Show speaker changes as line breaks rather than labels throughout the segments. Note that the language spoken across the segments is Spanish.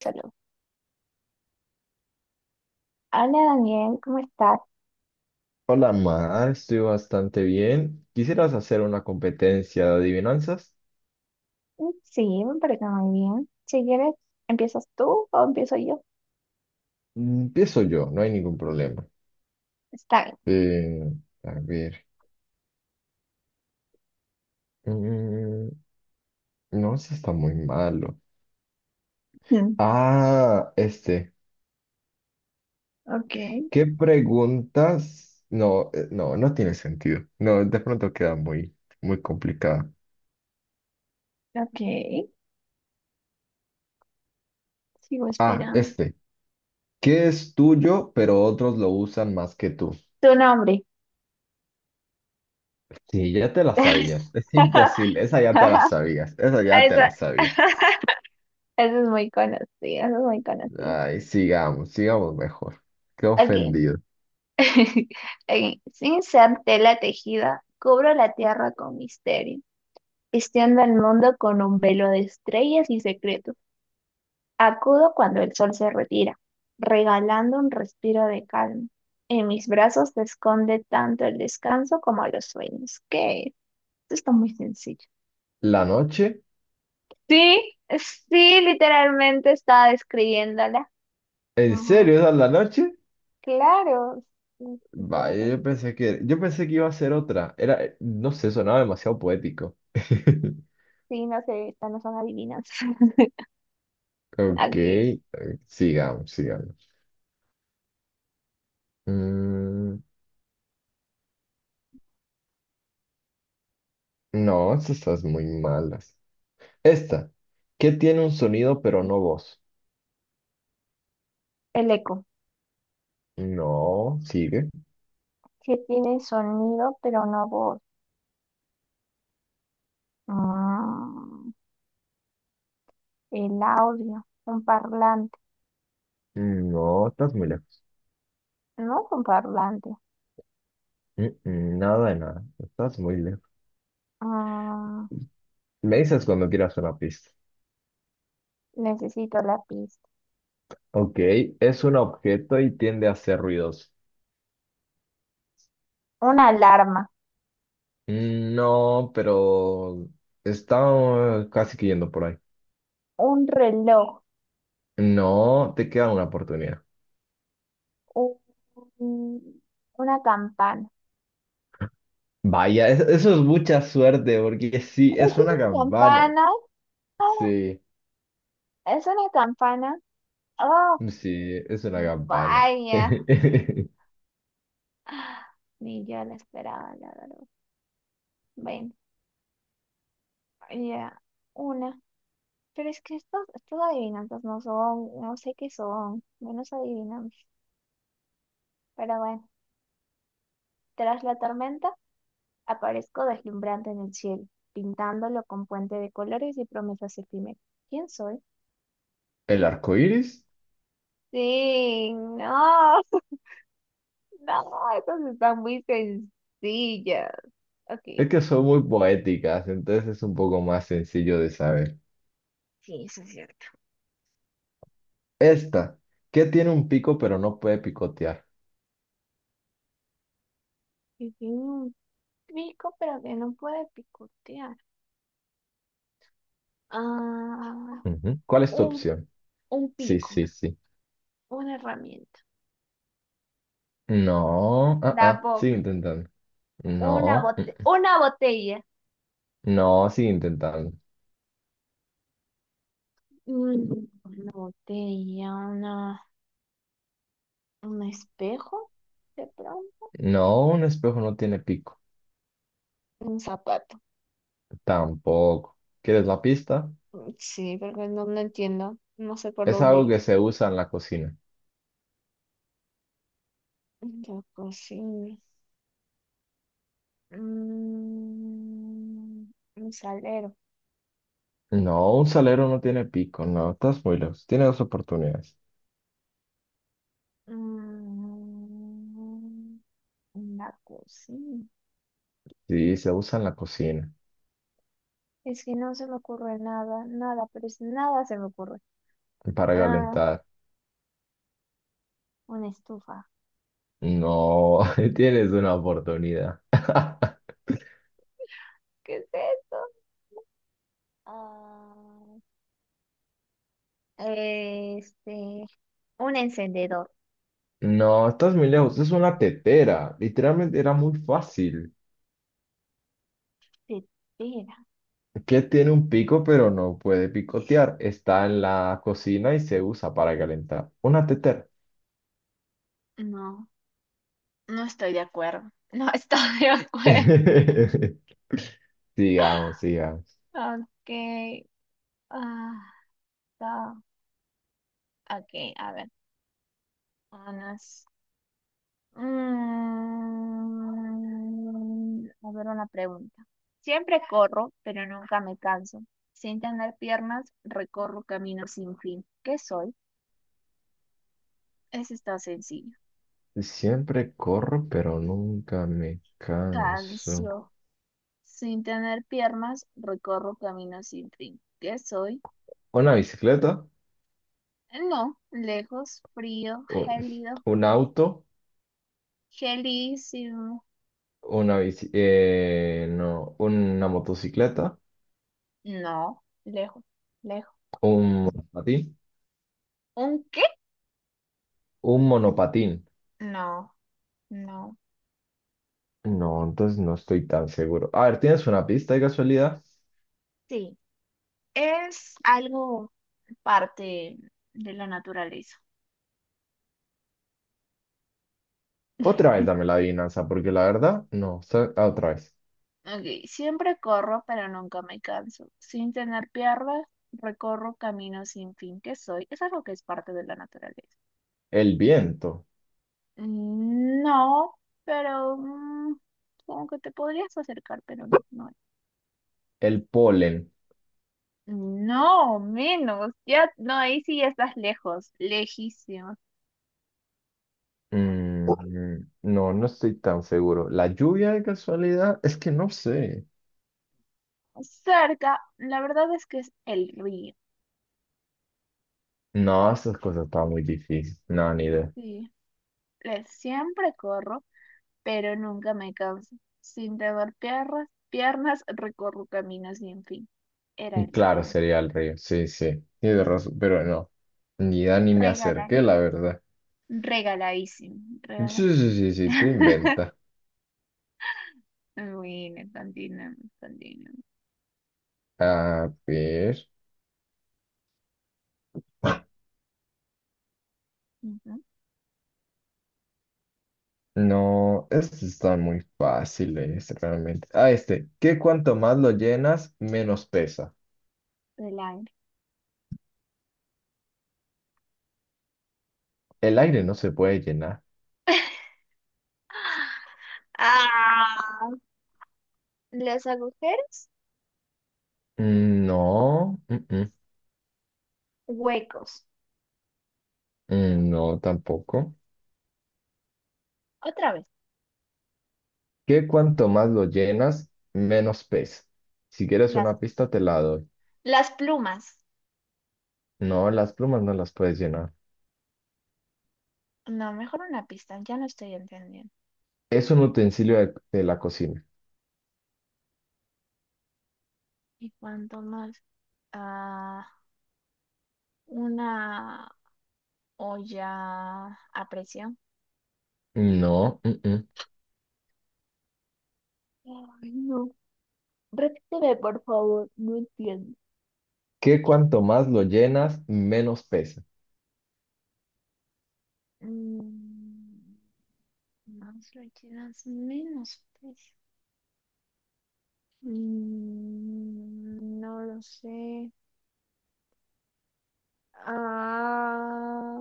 Salud. Hola Daniel, ¿cómo estás?
Hola, Mar, estoy bastante bien. ¿Quisieras hacer una competencia de adivinanzas?
Mm, sí, me parece muy bien. Si quieres, ¿empiezas tú o empiezo yo?
Empiezo yo, no hay ningún problema.
Está bien.
Eh, a ver, mm, no, si está muy malo.
Mm,
Ah, este,
okay,
¿qué preguntas? No, no, tiene sentido. No, de pronto queda muy complicada.
okay, sigo
Ah,
esperando.
este, ¿qué es tuyo, pero otros lo usan más que tú?
Tu nombre.
Sí, ya te la sabías. Es imposible, esa ya te la sabías, esa ya te
Eso,
la sabías.
eso es muy conocido, eso es muy conocido.
Ay, sigamos, sigamos mejor. Qué
Ok.
ofendido.
Ok. Sin ser tela tejida, cubro la tierra con misterio, vistiendo el mundo con un velo de estrellas y secretos. Acudo cuando el sol se retira, regalando un respiro de calma. En mis brazos se esconde tanto el descanso como los sueños. ¿Qué? Esto está muy sencillo.
¿La noche?
Sí, sí, literalmente estaba describiéndola.
¿En
No,
serio esa es la noche?
claro. Sí, sí,
Vaya,
todo.
yo pensé que iba a ser otra. Era, no sé, sonaba demasiado poético.
Sí, no sé, estas no son adivinanzas.
Ok,
Alguien.
sigamos, sigamos. Mm, no, estas estás muy malas. Esta, ¿qué tiene un sonido pero no voz?
El eco,
No, sigue.
que tiene sonido pero no voz. Mm, el audio, un parlante.
No, estás muy lejos.
No es un parlante.
Mm, nada de nada, estás muy lejos.
Mm,
Me dices cuando quieras una pista.
Necesito la pista.
Ok, es un objeto y tiende a hacer ruidos.
Una alarma,
Mm, no, pero está casi que yendo por ahí.
un reloj,
No, te queda una oportunidad.
un, una campana.
Vaya, es- eso es mucha suerte porque sí,
Es
es una
una
campana.
campana. Ah,
Sí,
es una campana. Oh,
sí, es una campana.
vaya. Ni yo la esperaba, la verdad. Bueno, ya, una. Pero es que estos, estos adivinanzas no son, no sé qué son, menos adivinamos. Pero bueno, tras la tormenta aparezco deslumbrante en el cielo, pintándolo con puente de colores y promesas efímeras. ¿Quién soy?
¿El arco iris?
Sí, no, no, esas están muy sencillas. Ok, sí.
Es que son muy poéticas, entonces es un poco más sencillo de saber.
Sí, eso es cierto.
Esta, que tiene un pico pero no puede picotear.
Sí, sí, un pico, pero que no puede picotear. Ah,
Ujú. ¿Cuál es tu
un,
opción?
un
Sí,
pico,
sí, sí.
una herramienta,
No, ah,
la
ah, sigue
boca,
intentando.
una
No,
bote, una botella.
no, sigue intentando.
Mm, una botella, una, un espejo, de pronto,
No, un espejo no tiene pico.
un zapato.
Tampoco. ¿Quieres la pista?
Mm, sí, porque no, no entiendo, no sé por
Es
dónde
algo que
ir.
se usa en la cocina.
La cocina. Mm, un salero.
No, un salero no tiene pico. No, estás muy lejos. Tienes dos oportunidades.
Mm, una cocina.
Sí, se usa en la cocina
Es que no se me ocurre nada, nada, pero es nada se me ocurre.
para
Ah,
calentar.
una estufa.
No, tienes una oportunidad.
¿Qué es esto? Ah, este, un encendedor.
No, estás muy lejos. Es una tetera. Literalmente era muy fácil.
Tetera.
Que tiene un pico pero no puede picotear. Está en la cocina y se usa para calentar. Una tetera.
No, no estoy de acuerdo. No estoy de acuerdo.
Sigamos, sigamos.
Ok. Ah, está. Ok, a ver. Unas. Mm, a ver una pregunta. Siempre corro, pero nunca me canso. Sin tener piernas, recorro caminos sin fin. ¿Qué soy? Eso está sencillo.
Siempre corro pero nunca me canso.
Cancio. Sin tener piernas, recorro caminos sin fin. ¿Qué soy?
Una bicicleta,
No, lejos, frío,
un,
gélido,
un auto,
gelísimo.
una bici, no, una motocicleta,
No, lejos, lejos.
un monopatín,
¿Un qué?
un monopatín.
No, no.
No, entonces no estoy tan seguro. A ver, ¿tienes una pista de casualidad?
Sí, es algo parte de la naturaleza.
Otra vez dame la adivinanza, porque la verdad, no, sa- ah, otra vez.
Ok, siempre corro, pero nunca me canso. Sin tener piernas, recorro caminos sin fin que soy. Eso es lo que es parte de la naturaleza.
El viento,
Mm, no, pero mm, supongo que te podrías acercar, pero no, no es.
el polen.
No, menos. Ya, no, ahí sí ya estás lejos, lejísimo.
Mm, no, no estoy tan seguro. ¿La lluvia de casualidad? Es que no sé.
Cerca, la verdad es que es el río.
No, esas cosas estaban muy difíciles. No, ni idea.
Sí, le, siempre corro pero nunca me canso. Sin temor piernas, piernas recorro caminos sin fin. Era
Y
el
claro,
río.
sería el río. Sí, sí. Tienes razón, pero no. Ni idea ni me
Regala,
acerqué, la verdad.
regaladísimo,
Sí,
regaladísimo.
sí, sí, sí, tú inventa.
Bueno, continuamos, continuamos.
A ver.
Ujú,
No, estos están muy fáciles realmente. Ah, este, que cuanto más lo llenas, menos pesa.
del aire.
El aire no se puede llenar.
Ah, los agujeros,
No,
huecos.
no tampoco.
Otra vez,
Que cuanto más lo llenas, menos pesa. Si quieres
las,
una pista, te la doy.
las plumas.
No, las plumas no las puedes llenar.
No, mejor una pista, ya no estoy entendiendo.
Es un utensilio de la cocina.
Y cuanto más, ah, una o ya aprecio.
No, mm.
Ay, no. Repíteme, por favor, no entiendo.
Que cuanto más lo llenas, menos pesa.
Mm, más líquidas, menos precio. Mm, no lo sé. Ah,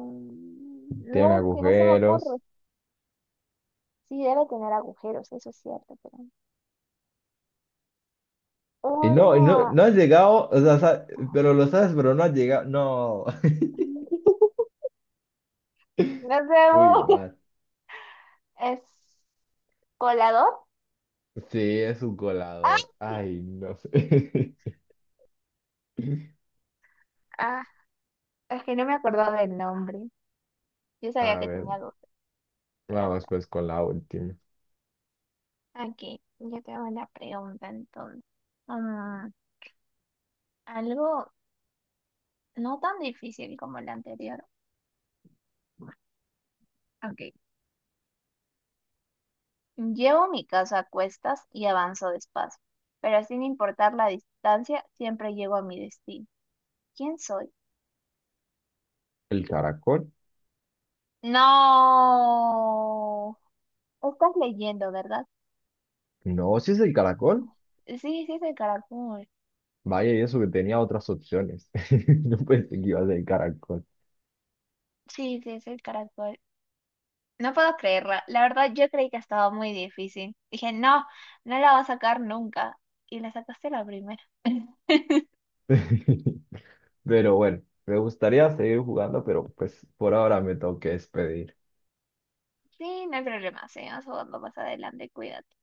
Tiene
no, que no se me
agujeros.
ocurre. Sí, debe tener agujeros, eso es cierto, pero
Y no,
una…
no has llegado, o sea, sa- pero lo sabes, pero no has llegado. No.
No sé,
Muy mal.
¿es colador?
Sí, es un
Ah,
colador. Ay, no sé.
ah, es que no me acordaba del nombre. Yo sabía
A
que
ver,
tenía 12, pero
vamos
hasta
pues con la última.
aquí. Yo te hago una pregunta entonces. Mm, algo no tan difícil como la anterior. Ok. Llevo mi casa a cuestas y avanzo despacio, pero sin importar la distancia, siempre llego a mi destino. ¿Quién soy?
¿El caracol?
No. Estás leyendo, ¿verdad?
No, si es el caracol.
Sí, sí es el caracol.
Vaya, y eso que tenía otras opciones. No pensé que iba a ser el caracol.
Sí, sí es el caracol. No puedo creerla. La verdad, yo creí que estaba muy difícil. Dije, no, no la va a sacar nunca. Y la sacaste la primera.
Pero bueno, me gustaría seguir jugando, pero pues por ahora me tengo que despedir.
Sí, no hay problema. Seguimos jugando más adelante. Cuídate.